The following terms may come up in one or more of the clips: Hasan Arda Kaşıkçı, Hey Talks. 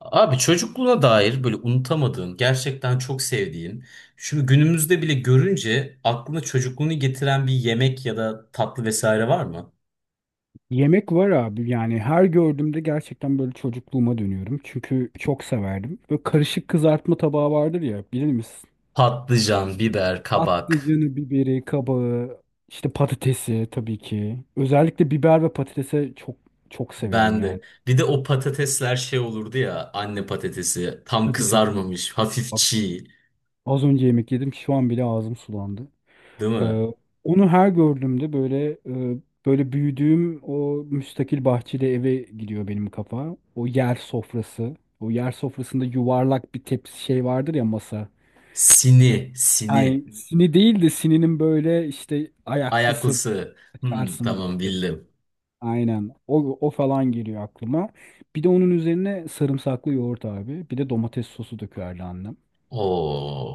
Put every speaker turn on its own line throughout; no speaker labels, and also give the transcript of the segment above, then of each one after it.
Abi çocukluğuna dair böyle unutamadığın, gerçekten çok sevdiğin, şimdi günümüzde bile görünce aklına çocukluğunu getiren bir yemek ya da tatlı vesaire var mı?
Yemek var abi, yani her gördüğümde gerçekten böyle çocukluğuma dönüyorum. Çünkü çok severdim. Böyle karışık kızartma tabağı vardır ya, bilir misin?
Patlıcan, biber, kabak.
Patlıcanı, biberi, kabağı, işte patatesi tabii ki. Özellikle biber ve patatese çok çok severim
Ben de.
yani.
Bir de o patatesler şey olurdu ya, anne patatesi. Tam
Tabii, tabii, tabii.
kızarmamış, hafif
Bak,
çiğ,
az önce yemek yedim, şu an bile ağzım sulandı.
değil mi?
Ee, Onu her gördüğümde böyle, e, böyle büyüdüğüm o müstakil bahçeli eve gidiyor benim kafa. O yer sofrası. O yer sofrasında yuvarlak bir tepsi şey vardır ya, masa.
Sini, sini.
Yani sini değil de sininin böyle işte ayaklısı,
Ayaklısı. Hmm,
açarsın
tamam
böyle.
bildim.
Aynen. O, o falan geliyor aklıma. Bir de onun üzerine sarımsaklı yoğurt abi. Bir de domates sosu dökerdi annem.
Oo,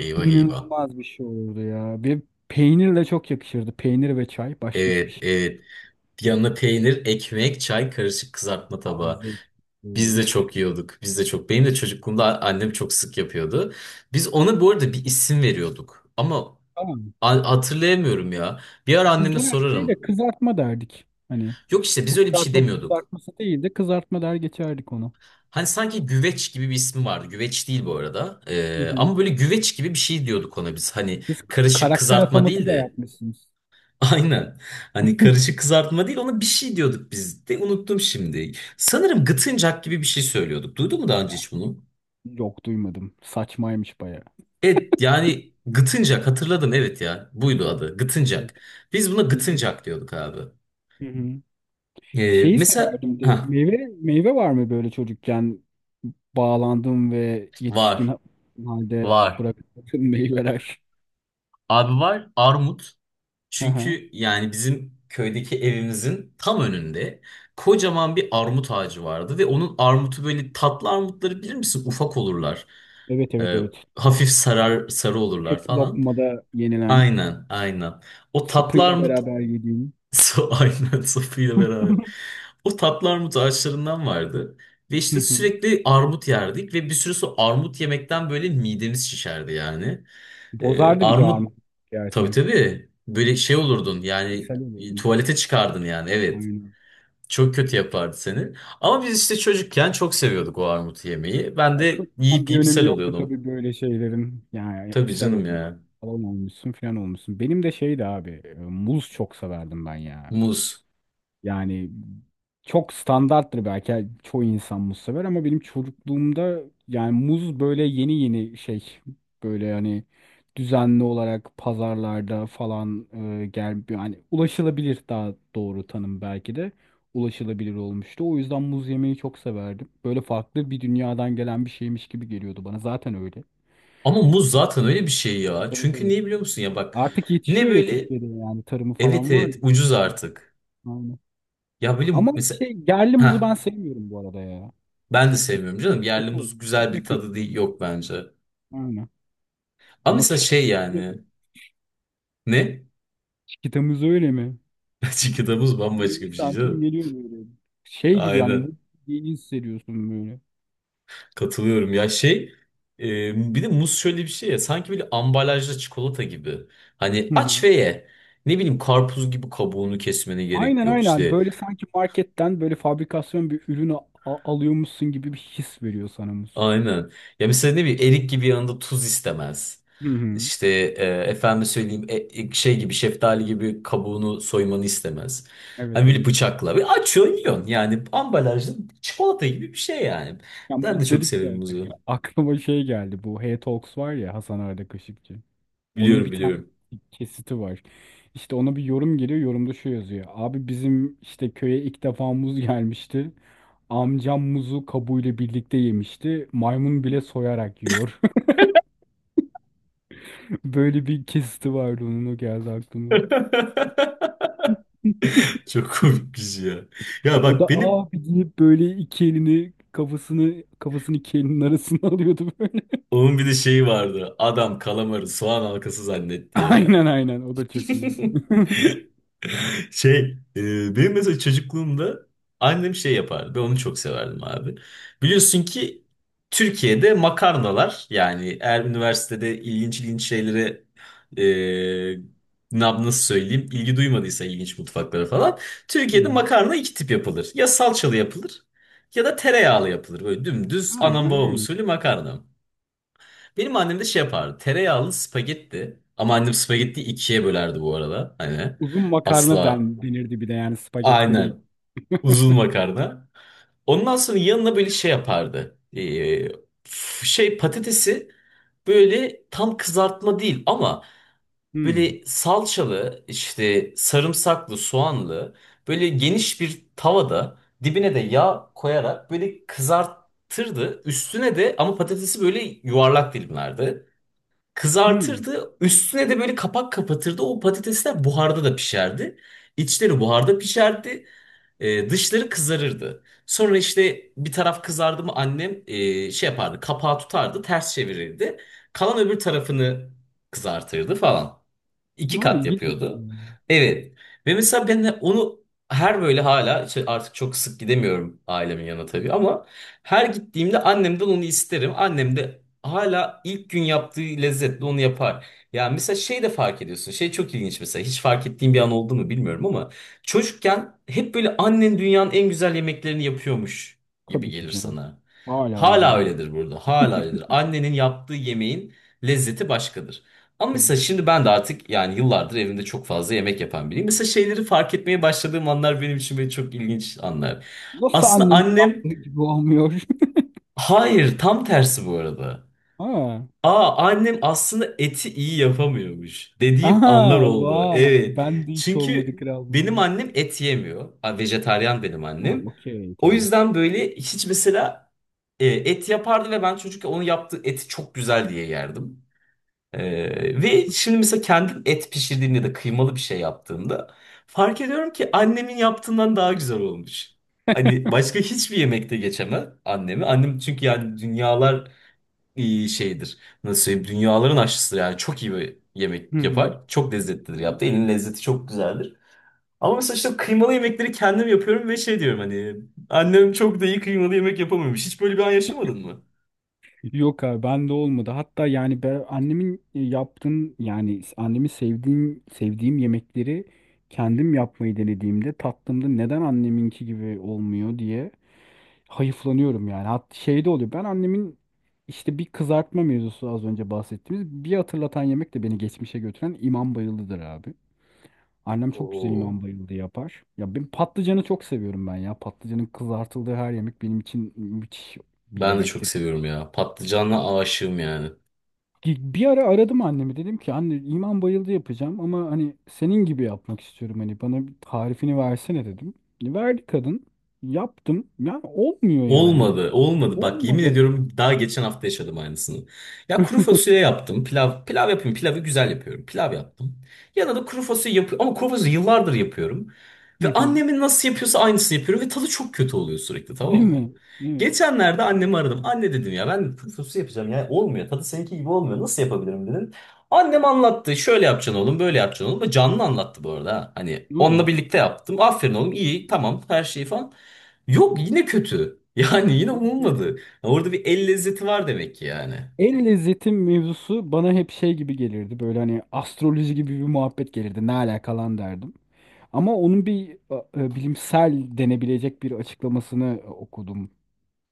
eyvah eyvah.
İnanılmaz bir şey olurdu ya. Bir peynirle çok yakışırdı. Peynir ve çay. Başka hiçbir
Evet,
şey.
evet. Yanına peynir, ekmek, çay, karışık kızartma tabağı.
Taze, böyle
Biz de
üf.
çok yiyorduk. Biz de çok. Benim de çocukluğumda annem çok sık yapıyordu. Biz ona bu arada bir isim veriyorduk. Ama
Tamam.
hatırlayamıyorum ya. Bir ara
Biz
anneme
genelde şey de
sorarım.
kızartma derdik. Hani
Yok işte
şu
biz öyle bir şey
kızartma bu
demiyorduk.
kızartması değil de kızartma der geçerdik onu.
Hani sanki güveç gibi bir ismi vardı. Güveç değil bu arada.
Hı hı.
Ama böyle güveç gibi bir şey diyorduk ona biz. Hani
Siz
karışık
karakter
kızartma
ataması da
değildi.
yapmışsınız.
Aynen. Hani karışık kızartma değil ona bir şey diyorduk biz de unuttum şimdi. Sanırım gıtıncak gibi bir şey söylüyorduk. Duydun mu daha önce
Ya.
hiç bunu?
Yok, duymadım. Saçmaymış bayağı.
Evet yani gıtıncak hatırladım evet ya. Buydu adı
Evet.
gıtıncak. Biz buna
İlginç.
gıtıncak diyorduk abi.
Hı hı. Şeyi
Mesela
severdim de
ha
meyve, meyve var mı böyle çocukken bağlandığım ve yetişkin
var
halde
var.
bıraktığım meyveler?
Abi var armut.
Hı hı.
Çünkü yani bizim köydeki evimizin tam önünde kocaman bir armut ağacı vardı ve onun armutu böyle tatlı armutları bilir misin? Ufak olurlar.
Evet, evet,
Ee,
evet.
Hafif sarar sarı olurlar
Tek
falan.
lokmada yenilen.
Aynen, aynen. O tatlı
Sapıyla
armut.
beraber yediğin.
So aynen sapıyla beraber. O tatlı armut ağaçlarından vardı. Ve
Hı
işte
hı.
sürekli armut yerdik ve bir süre sonra armut yemekten böyle midemiz şişerdi yani.
Bozardı bir de
Armut.
armut
Tabii
yersen.
tabii. Böyle şey olurdun yani,
İshal olurdun.
tuvalete çıkardın yani, evet.
Aynen.
Çok kötü yapardı seni. Ama biz işte çocukken çok seviyorduk o armut yemeği. Ben
Ya çok
de
tam
yiyip
bir
yiyip
önemi
sel
yoktu
oluyordum.
tabii böyle şeylerin. Yani
Tabii
ishal
canım
olmuş.
ya.
Falan olmuşsun, falan olmuşsun. Benim de şeydi abi. Muz çok severdim ben ya.
Muz.
Yani çok standarttır belki. Yani çoğu insan muz sever ama benim çocukluğumda yani muz böyle yeni yeni şey, böyle hani düzenli olarak pazarlarda falan, gel, yani ulaşılabilir, daha doğru tanım belki de, ulaşılabilir olmuştu. O yüzden muz yemeyi çok severdim. Böyle farklı bir dünyadan gelen bir şeymiş gibi geliyordu bana. Zaten öyle.
Ama muz zaten öyle bir şey ya.
Evet,
Çünkü
evet.
niye biliyor musun ya bak.
Artık
Ne
yetişiyor ya
böyle
Türkiye'de, yani tarımı
evet
falan var.
evet ucuz artık.
Aynen.
Ya böyle
Ama
mesela
şey, yerli
heh,
muzu ben sevmiyorum bu arada ya.
ben de sevmiyorum canım.
Yapımız
Yerli
kötü oldu.
muz güzel
Çok ve
bir tadı
kötü
değil,
oldu.
yok bence.
Aynen.
Ama
Ama
mesela şey
çikitamız öyle mi?
yani ne?
Çikitamız öyle mi?
Çiğ muz bambaşka
20
bir şey
santim
canım.
geliyor böyle. Şey gibi, yani
Aynen.
muz yediğini hissediyorsun böyle.
Katılıyorum ya şey. Bir de muz şöyle bir şey ya sanki böyle ambalajlı çikolata gibi. Hani
Hı
aç
hı.
ve ye. Ne bileyim karpuz gibi kabuğunu kesmene gerek
Aynen,
yok
aynen.
işte.
Böyle sanki marketten böyle fabrikasyon bir ürünü alıyormuşsun gibi bir his veriyor sana muz.
Aynen. Ya mesela ne bileyim erik gibi yanında tuz istemez.
Hı hı.
İşte efendim söyleyeyim, şey gibi şeftali gibi kabuğunu soymanı istemez. Hani
Evet,
böyle
evet.
bıçakla bir açıyorsun yiyorsun yani ambalajlı çikolata gibi bir şey yani.
Ya
Ben de
muz
çok
dedik
severim
de
muzu.
aklıma şey geldi. Bu Hey Talks var ya, Hasan Arda Kaşıkçı. Onun
Biliyorum
bir tane
biliyorum.
kesiti var. İşte ona bir yorum geliyor. Yorumda şu yazıyor. Abi bizim işte köye ilk defa muz gelmişti. Amcam muzu kabuğuyla birlikte yemişti. Maymun bile soyarak yiyor. Böyle bir kesiti vardı onun, o geldi aklıma.
Çok komik bir şey ya. Ya
O da
bak benim
abi deyip böyle iki elini, kafasını iki elinin arasına alıyordu böyle.
onun bir de şeyi vardı. Adam kalamarı soğan halkası zannetti ya.
Aynen, aynen, o da çok iyi.
Şey, benim mesela çocukluğumda annem şey yapardı. Ben onu çok severdim abi. Biliyorsun ki Türkiye'de makarnalar yani eğer üniversitede ilginç ilginç şeylere, e, nasıl söyleyeyim, ilgi duymadıysa ilginç mutfaklara falan.
Hı
Türkiye'de
hı.
makarna iki tip yapılır. Ya salçalı yapılır ya da tereyağlı yapılır. Böyle dümdüz anam
Aynen
babam
öyle.
usulü makarna. Benim annem de şey yapardı. Tereyağlı spagetti. Ama annem spagettiyi ikiye bölerdi bu arada. Hani
Uzun makarna
asla.
den, denirdi bir de, yani spagetti değil.
Aynen. Uzun makarna. Ondan sonra yanına böyle şey yapardı. Şey patatesi, böyle tam kızartma değil ama
Hmm.
böyle salçalı işte sarımsaklı soğanlı, böyle geniş bir tavada dibine de yağ koyarak böyle kızartırdı. Üstüne de ama patatesi böyle yuvarlak dilimlerdi.
Hmm.
Kızartırdı. Üstüne de böyle kapak kapatırdı. O patatesler buharda da pişerdi. İçleri buharda pişerdi. E, dışları kızarırdı. Sonra işte bir taraf kızardı mı annem şey yapardı. Kapağı tutardı, ters çevirirdi. Kalan öbür tarafını kızartırdı falan. İki
O
kat
ilginç bir
yapıyordu.
şey.
Evet. Ve mesela ben de onu her böyle hala işte artık çok sık gidemiyorum ailemin yanına tabii ama her gittiğimde annemden onu isterim. Annem de hala ilk gün yaptığı lezzetle onu yapar. Ya mesela şey de fark ediyorsun. Şey çok ilginç mesela. Hiç fark ettiğim bir an oldu mu bilmiyorum ama çocukken hep böyle annen dünyanın en güzel yemeklerini yapıyormuş gibi
Tabii ki
gelir
canım.
sana.
Hala öyle
Hala
bu.
öyledir burada. Hala öyledir. Annenin yaptığı yemeğin lezzeti başkadır. Ama
Tabii
mesela
ki.
şimdi ben de artık yani yıllardır evimde çok fazla yemek yapan biriyim. Mesela şeyleri fark etmeye başladığım anlar benim için böyle çok ilginç anlar.
Nasıl
Aslında
annemin
annem,
yaptığı gibi olmuyor?
hayır tam tersi bu arada.
Ha.
Aa annem aslında eti iyi yapamıyormuş dediğim anlar
Aha,
oldu.
vay.
Evet.
Ben de hiç olmadı,
Çünkü
kral
benim
bunlar.
annem et yemiyor. Ha, vejetaryen benim
Ha,
annem.
okey,
O
tamam.
yüzden böyle hiç mesela et yapardı ve ben çocukken onu yaptığı eti çok güzel diye yerdim. Ve şimdi mesela kendim et pişirdiğimde ya da kıymalı bir şey yaptığımda fark ediyorum ki annemin yaptığından daha güzel olmuş. Hani başka hiçbir yemekte geçemem annemi. Annem çünkü yani dünyalar şeydir. Nasıl söyleyeyim? Dünyaların aşçısıdır yani. Çok iyi bir
Hı
yemek
hı.
yapar. Çok lezzetlidir yaptı. Elin lezzeti çok güzeldir. Ama mesela işte kıymalı yemekleri kendim yapıyorum ve şey diyorum hani annem çok da iyi kıymalı yemek yapamıyormuş. Hiç böyle bir an yaşamadın mı?
Yok abi, ben de olmadı. Hatta yani ben annemin yaptığım, yani annemi sevdiğim yemekleri kendim yapmayı denediğimde, tattığımda, neden anneminki gibi olmuyor diye hayıflanıyorum yani. Hat şey de oluyor. Ben annemin işte bir kızartma mevzusu, az önce bahsettiğimiz, bir hatırlatan yemek de, beni geçmişe götüren imam bayıldıdır abi. Annem çok güzel
Oo.
imam bayıldı yapar. Ya ben patlıcanı çok seviyorum ben ya. Patlıcanın kızartıldığı her yemek benim için müthiş bir
Ben de çok
yemektir.
seviyorum ya. Patlıcanla aşığım yani.
Bir ara aradım annemi, dedim ki anne iman bayıldı yapacağım ama hani senin gibi yapmak istiyorum, hani bana bir tarifini versene dedim. Verdi kadın, yaptım, yani olmuyor yani,
Olmadı, olmadı. Bak yemin
olmadı.
ediyorum daha geçen hafta yaşadım aynısını. Ya kuru fasulye yaptım. Pilav yapıyorum, pilavı güzel yapıyorum. Pilav yaptım. Yanına da kuru fasulye yapıyorum. Ama kuru fasulye yıllardır yapıyorum.
Hı
Ve
hı.
annemin nasıl yapıyorsa aynısını yapıyorum. Ve tadı çok kötü oluyor sürekli, tamam
Değil
mı?
mi? Evet.
Geçenlerde annemi aradım. Anne dedim ya ben kuru fasulye yapacağım. Ya olmuyor. Tadı seninki gibi olmuyor. Nasıl yapabilirim dedim. Annem anlattı. Şöyle yapacaksın oğlum, böyle yapacaksın oğlum. Canlı anlattı bu arada, ha. Hani
Hı.
onunla birlikte yaptım. Aferin oğlum, iyi, tamam, her şey falan. Yok yine kötü. Yani yine
Evet, evet.
umulmadı. Ya orada bir el lezzeti var demek ki yani.
El lezzeti mevzusu bana hep şey gibi gelirdi, böyle hani astroloji gibi bir muhabbet gelirdi, ne alakalan derdim. Ama onun bir bilimsel denebilecek bir açıklamasını okudum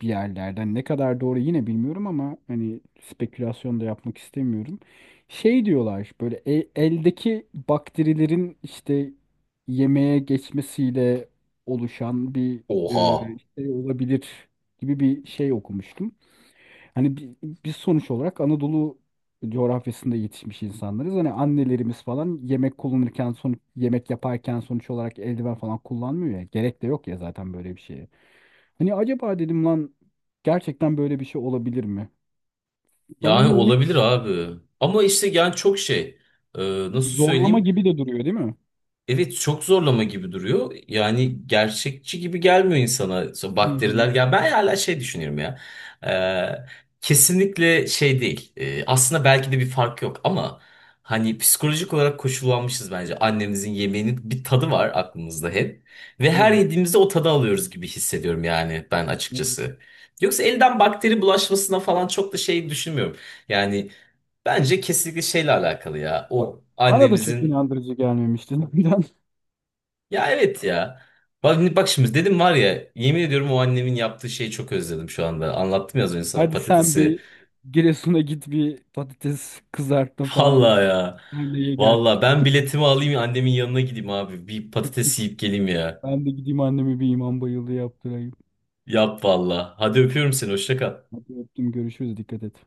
bir yerlerden. Ne kadar doğru yine bilmiyorum, ama hani spekülasyon da yapmak istemiyorum. Şey diyorlar böyle, eldeki bakterilerin işte yemeğe geçmesiyle oluşan bir e,
Oha.
şey olabilir gibi bir şey okumuştum. Hani bi- Biz sonuç olarak Anadolu coğrafyasında yetişmiş insanlarız. Hani annelerimiz falan yemek kullanırken, sonuç yemek yaparken sonuç olarak eldiven falan kullanmıyor ya. Gerek de yok ya zaten böyle bir şeye. Hani acaba dedim lan, gerçekten böyle bir şey olabilir mi? Sana
Yani
ne,
olabilir abi. Ama işte yani çok şey. e, Nasıl
zorlama
söyleyeyim?
gibi de duruyor değil mi?
Evet çok zorlama gibi duruyor. Yani gerçekçi gibi gelmiyor insana.
Hı hı.
Bakteriler gel. Ben hala şey düşünüyorum ya. Ee, Kesinlikle şey değil. Aslında belki de bir fark yok ama hani psikolojik olarak koşullanmışız bence. Annemizin yemeğinin bir tadı var aklımızda hep. Ve her
Evet.
yediğimizde o tadı alıyoruz gibi hissediyorum yani ben
Evet.
açıkçası. Yoksa elden bakteri bulaşmasına falan çok da şey düşünmüyorum. Yani bence kesinlikle şeyle alakalı ya. O
Bana da çok
annemizin,
inandırıcı gelmemişti zaten.
ya evet ya. Bak, bak şimdi dedim var ya yemin ediyorum o annemin yaptığı şeyi çok özledim şu anda. Anlattım ya az önce sana
Hadi sen
patatesi.
bir Giresun'a git, bir patates kızartma falan işte.
Vallahi ya.
Anneye gel.
Vallahi ben biletimi alayım annemin yanına gideyim abi. Bir
Git
patates
git.
yiyip geleyim ya.
Ben de gideyim annemi bir imam bayıldığı yaptırayım.
Yap vallahi. Hadi öpüyorum seni hoşça kal.
Hadi öptüm, görüşürüz, dikkat et.